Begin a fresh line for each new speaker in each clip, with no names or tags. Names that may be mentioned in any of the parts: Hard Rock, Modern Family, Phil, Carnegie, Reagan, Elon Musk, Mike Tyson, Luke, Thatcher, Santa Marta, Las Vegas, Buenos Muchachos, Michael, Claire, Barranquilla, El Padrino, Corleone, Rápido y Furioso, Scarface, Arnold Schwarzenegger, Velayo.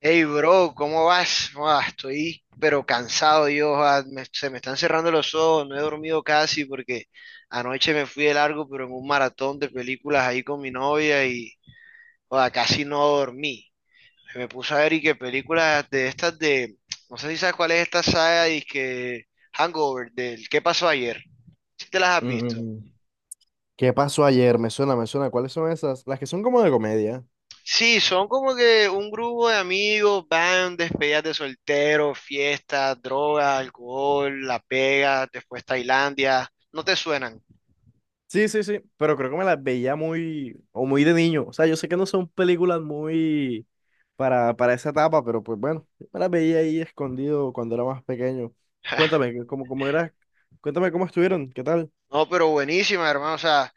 Hey, bro, ¿cómo vas? Buah, estoy pero cansado, Dios, se me están cerrando los ojos, no he dormido casi porque anoche me fui de largo, pero en un maratón de películas ahí con mi novia y joda, casi no dormí. Me puse a ver y que películas de estas no sé si sabes cuál es esta saga y que Hangover, del ¿Qué pasó ayer? ¿Si te las has visto?
Mm, ¿Qué pasó ayer? Me suena, me suena. ¿Cuáles son esas? Las que son como de comedia.
Sí, son como que un grupo de amigos, van, despedidas de soltero, fiestas, droga, alcohol, La Pega, después Tailandia. No te suenan.
Sí, sí, sí, pero creo que me las veía muy, o muy de niño. O sea, yo sé que no son películas muy para esa etapa, pero pues bueno, yo me las veía ahí escondido cuando era más pequeño. Cuéntame, ¿cómo era? Cuéntame cómo estuvieron, ¿qué tal?
No, pero buenísima, hermano. O sea,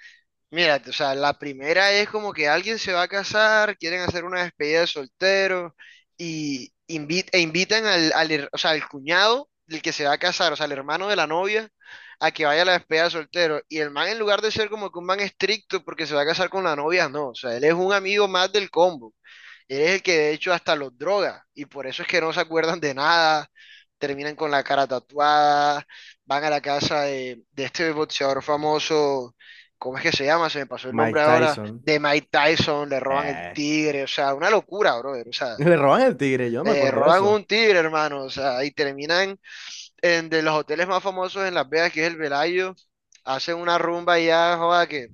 mira, o sea, la primera es como que alguien se va a casar, quieren hacer una despedida de soltero y e invitan o sea, al cuñado del que se va a casar, o sea, al hermano de la novia, a que vaya a la despedida de soltero. Y el man, en lugar de ser como que un man estricto porque se va a casar con la novia, no, o sea, él es un amigo más del combo. Eres el que de hecho hasta los droga y por eso es que no se acuerdan de nada, terminan con la cara tatuada, van a la casa de este boxeador famoso, ¿cómo es que se llama? Se me pasó el nombre
Mike
ahora,
Tyson.
de Mike Tyson, le roban el
Eh,
tigre, o sea, una locura, brother, o sea,
Le roban el tigre, yo no me
le
acuerdo de
roban
eso.
un tigre, hermano, o sea, y terminan en de los hoteles más famosos en Las Vegas, que es el Velayo, hacen una rumba y ya, joda, que,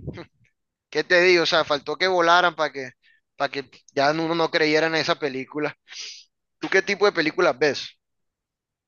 ¿qué te digo? O sea, faltó que volaran para que ya uno no creyera en esa película. ¿Tú qué tipo de películas ves?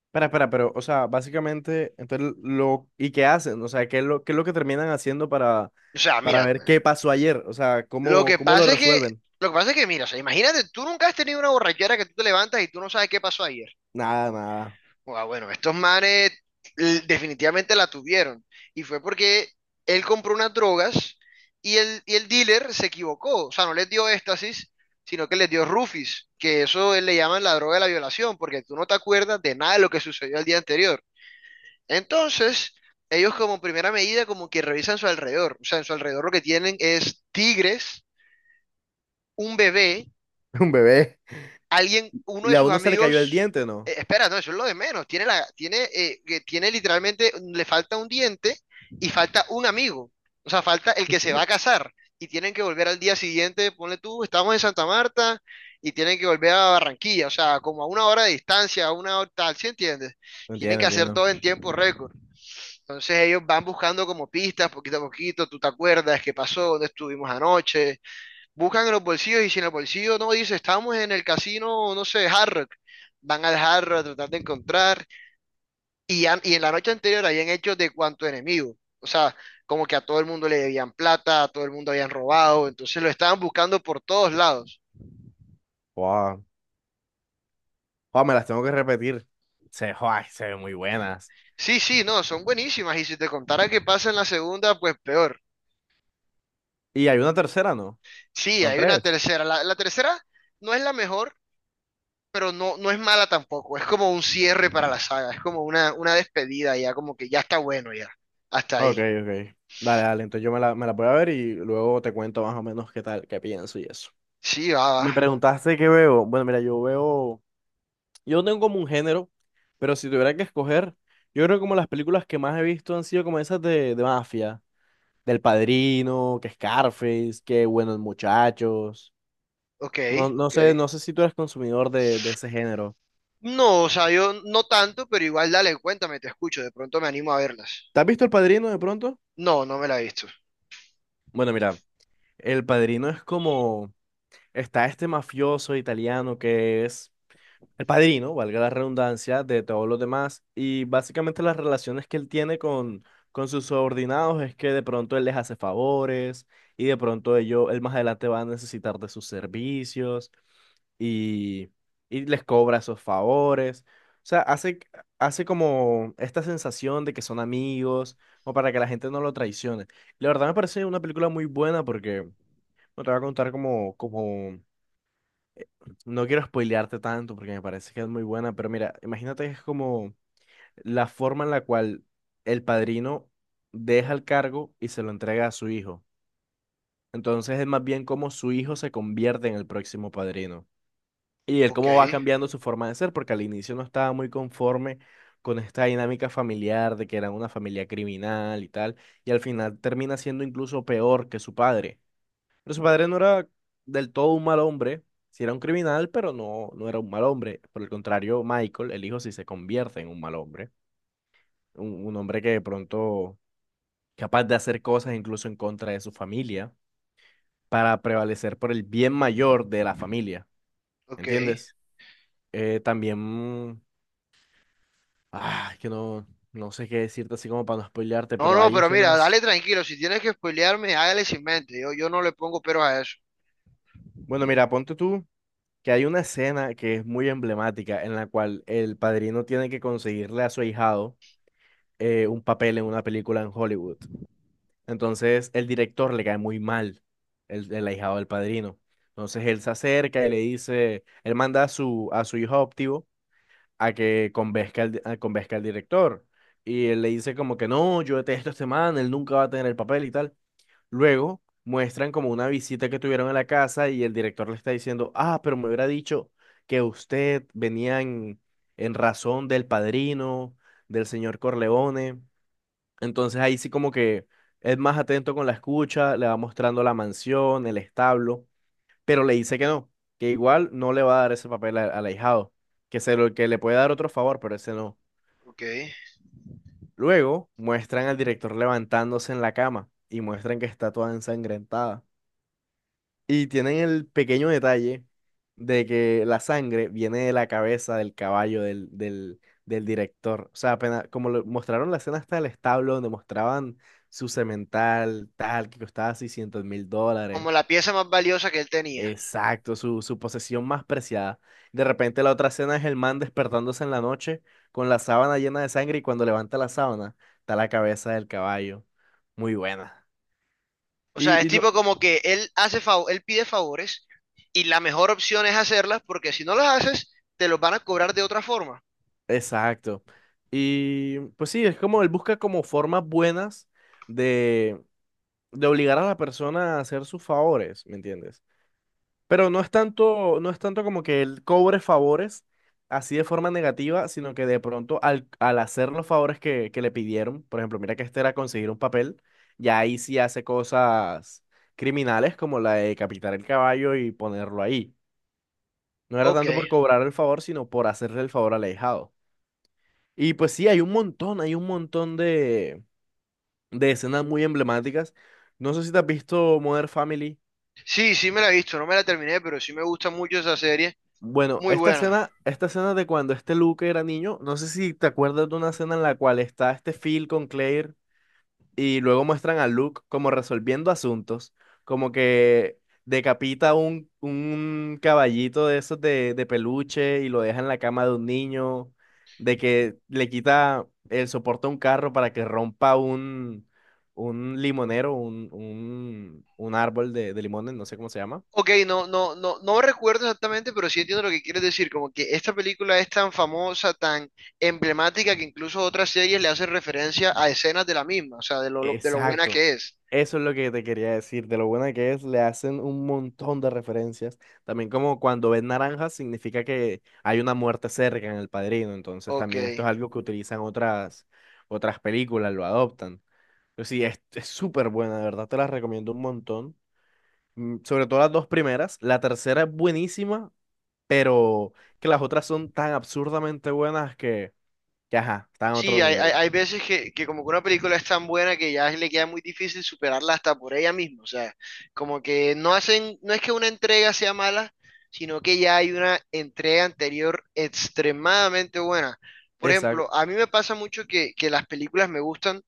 Espera, espera, pero, o sea, básicamente, entonces, ¿y qué hacen? O sea, ¿qué es lo que terminan haciendo para
O sea,
para
mira,
ver qué pasó ayer, o sea,
lo
cómo,
que
cómo lo
pasa es que,
resuelven.
lo que pasa es que, mira, o sea, imagínate, tú nunca has tenido una borrachera que tú te levantas y tú no sabes qué pasó ayer.
Nada, nada,
Ah, bueno, estos manes definitivamente la tuvieron. Y fue porque él compró unas drogas y el dealer se equivocó. O sea, no les dio éxtasis, sino que les dio rufis, que eso él le llaman la droga de la violación, porque tú no te acuerdas de nada de lo que sucedió el día anterior. Entonces, ellos como primera medida como que revisan su alrededor. O sea, en su alrededor lo que tienen es tigres, un bebé,
un bebé.
alguien, uno de
Y a
sus
uno se le cayó el
amigos...
diente, ¿no?
espera, no, eso es lo de menos. Tiene tiene, que tiene literalmente, le falta un diente y falta un amigo. O sea, falta el que se va a casar. Y tienen que volver al día siguiente, ponle tú, estamos en Santa Marta y tienen que volver a Barranquilla. O sea, como a una hora de distancia, a una hora tal, ¿sí entiendes?
No
Tienen
entiendo, no
que hacer
entiendo.
todo en tiempo récord. Entonces ellos van buscando como pistas, poquito a poquito, tú te acuerdas qué pasó, dónde estuvimos anoche, buscan en los bolsillos y si en el bolsillo no dice, estamos en el casino, no sé, Hard Rock, van al Hard Rock a tratar de encontrar y en la noche anterior habían hecho de cuanto enemigo, o sea, como que a todo el mundo le debían plata, a todo el mundo habían robado, entonces lo estaban buscando por todos lados.
Wow. Wow, me las tengo que repetir. Joa, se ven muy buenas.
Sí, sí, no, son buenísimas y si te contara qué pasa en la segunda, pues peor.
Y hay una tercera, ¿no?
Sí,
Son
hay una
tres.
tercera, la tercera no es la mejor pero no, no es mala tampoco. Es como un cierre para la saga. Es como una despedida ya, como que ya está bueno ya. Hasta
Ok,
ahí.
ok. Dale, dale, entonces yo me la voy a ver y luego te cuento más o menos qué tal, qué pienso y eso.
Sí, va,
Me
va.
preguntaste qué veo. Bueno, mira, yo no tengo como un género, pero si tuviera que escoger, yo creo que como las películas que más he visto han sido como esas de mafia del Padrino, que Scarface, que Buenos Muchachos.
Ok,
No, no
ok.
sé, no sé si tú eres consumidor de ese género.
No, o sea, yo no tanto, pero igual dale, cuéntame, te escucho. De pronto me animo a verlas.
¿Te has visto El Padrino de pronto?
No, no me la he visto.
Bueno, mira, El Padrino es como, está este mafioso italiano que es el padrino, valga la redundancia, de todos los demás. Y básicamente las relaciones que él tiene con sus subordinados es que de pronto él les hace favores y de pronto él más adelante va a necesitar de sus servicios y, y les cobra esos favores. O sea, hace, hace como esta sensación de que son amigos, o para que la gente no lo traicione. La verdad me parece una película muy buena porque no te va a contar como, como no quiero spoilearte tanto porque me parece que es muy buena, pero mira, imagínate que es como la forma en la cual el padrino deja el cargo y se lo entrega a su hijo. Entonces es más bien como su hijo se convierte en el próximo padrino. Y él
Ok,
cómo va cambiando su forma de ser, porque al inicio no estaba muy conforme con esta dinámica familiar de que era una familia criminal y tal, y al final termina siendo incluso peor que su padre. Pero su padre no era del todo un mal hombre, sí era un criminal, pero no, no era un mal hombre. Por el contrario, Michael, el hijo, sí se convierte en un mal hombre. Un hombre que de pronto capaz de hacer cosas incluso en contra de su familia para prevalecer por el bien mayor de la familia.
ok.
¿Entiendes? También, ah, es que no, no sé qué decirte así como para no spoilearte,
No,
pero
no,
hay
pero mira,
escenas.
dale tranquilo. Si tienes que spoilearme, hágale sin mente. Yo no le pongo pero a eso.
Bueno, mira, ponte tú que hay una escena que es muy emblemática en la cual el padrino tiene que conseguirle a su ahijado un papel en una película en Hollywood. Entonces el director le cae muy mal, el ahijado del padrino. Entonces él se acerca y le dice, él manda a su hijo adoptivo a que a convenzca al director. Y él le dice como que no, yo detesto a este man, él nunca va a tener el papel y tal. Luego muestran como una visita que tuvieron en la casa y el director le está diciendo, ah, pero me hubiera dicho que usted venía en razón del padrino, del señor Corleone. Entonces ahí sí como que es más atento con la escucha, le va mostrando la mansión, el establo, pero le dice que no, que igual no le va a dar ese papel al ahijado, que se lo que le puede dar otro favor, pero ese no.
Ok.
Luego muestran al director levantándose en la cama y muestran que está toda ensangrentada. Y tienen el pequeño detalle de que la sangre viene de la cabeza del caballo del director. O sea, apenas, como lo, mostraron la escena hasta el establo, donde mostraban su semental, tal, que costaba 600 mil dólares.
Como la pieza más valiosa que él tenía.
Exacto, su posesión más preciada. De repente la otra escena es el man despertándose en la noche con la sábana llena de sangre y cuando levanta la sábana está la cabeza del caballo. Muy buena.
O sea, es
Y no.
tipo como que él pide favores y la mejor opción es hacerlas porque si no las haces, te los van a cobrar de otra forma.
Exacto. Y pues sí, es como él busca como formas buenas de, de obligar a la persona a hacer sus favores, ¿me entiendes? Pero no es tanto, no es tanto como que él cobre favores así de forma negativa, sino que de pronto al hacer los favores que le pidieron, por ejemplo, mira que este era conseguir un papel, ya ahí sí hace cosas criminales como la de decapitar el caballo y ponerlo ahí. No era
Ok.
tanto por cobrar el favor, sino por hacerle el favor al ahijado. Y pues sí, hay un montón de escenas muy emblemáticas. No sé si te has visto Modern Family.
Sí, sí me la he visto, no me la terminé, pero sí me gusta mucho esa serie.
Bueno,
Muy buena.
esta escena de cuando este Luke era niño, no sé si te acuerdas de una escena en la cual está este Phil con Claire y luego muestran a Luke como resolviendo asuntos, como que decapita un caballito de esos de peluche y lo deja en la cama de un niño, de que le quita el soporte a un carro para que rompa un limonero, un árbol de limones, no sé cómo se llama.
Ok, no, no, no, no recuerdo exactamente, pero sí entiendo lo que quieres decir. Como que esta película es tan famosa, tan emblemática, que incluso otras series le hacen referencia a escenas de la misma, o sea, de de lo buena
Exacto.
que es.
Eso es lo que te quería decir, de lo buena que es, le hacen un montón de referencias. También como cuando ven naranjas significa que hay una muerte cerca en El Padrino, entonces
Ok.
también esto es algo que utilizan otras películas, lo adoptan. Pero sí, es súper buena, de verdad te las recomiendo un montón. Sobre todo las dos primeras, la tercera es buenísima, pero que, las otras son tan absurdamente buenas que ajá, están a otro
Sí,
nivel.
hay veces que como que una película es tan buena que ya le queda muy difícil superarla hasta por ella misma. O sea, como que no hacen, no es que una entrega sea mala, sino que ya hay una entrega anterior extremadamente buena. Por
Exacto,
ejemplo, a mí me pasa mucho que las películas me gustan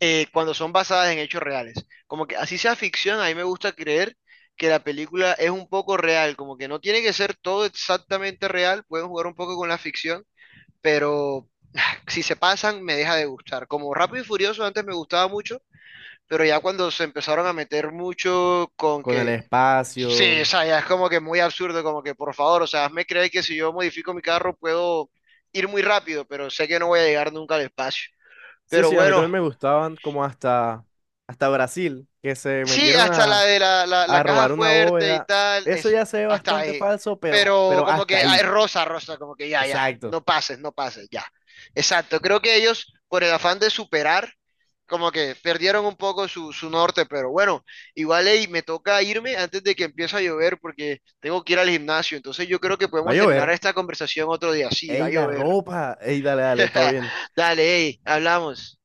cuando son basadas en hechos reales. Como que así sea ficción, a mí me gusta creer que la película es un poco real, como que no tiene que ser todo exactamente real, pueden jugar un poco con la ficción pero, si se pasan, me deja de gustar. Como Rápido y Furioso antes me gustaba mucho, pero ya cuando se empezaron a meter mucho con
con el
que, sí, o
espacio.
sea, ya es como que muy absurdo, como que por favor, o sea, hazme creer que si yo modifico mi carro puedo ir muy rápido, pero sé que no voy a llegar nunca al espacio.
Sí,
Pero
sí, a mí
bueno,
también me gustaban como hasta Brasil, que se
sí,
metieron
hasta la
a,
de la
a
caja
robar una
fuerte y
bóveda.
tal,
Eso
eso,
ya se ve
hasta
bastante
ahí.
falso, pero,
Pero
pero
como
hasta
que, ay,
ahí.
rosa, rosa, como que ya, ya,
Exacto.
no pases, no pases, ya. Exacto, creo que ellos, por el afán de superar, como que perdieron un poco su norte, pero bueno, igual ey, me toca irme antes de que empiece a llover porque tengo que ir al gimnasio, entonces yo creo que
Va a
podemos
llover.
terminar esta conversación otro día, sí, va a
Ey, la
llover.
ropa. Ey, dale, dale, todo bien.
Dale, ey, hablamos.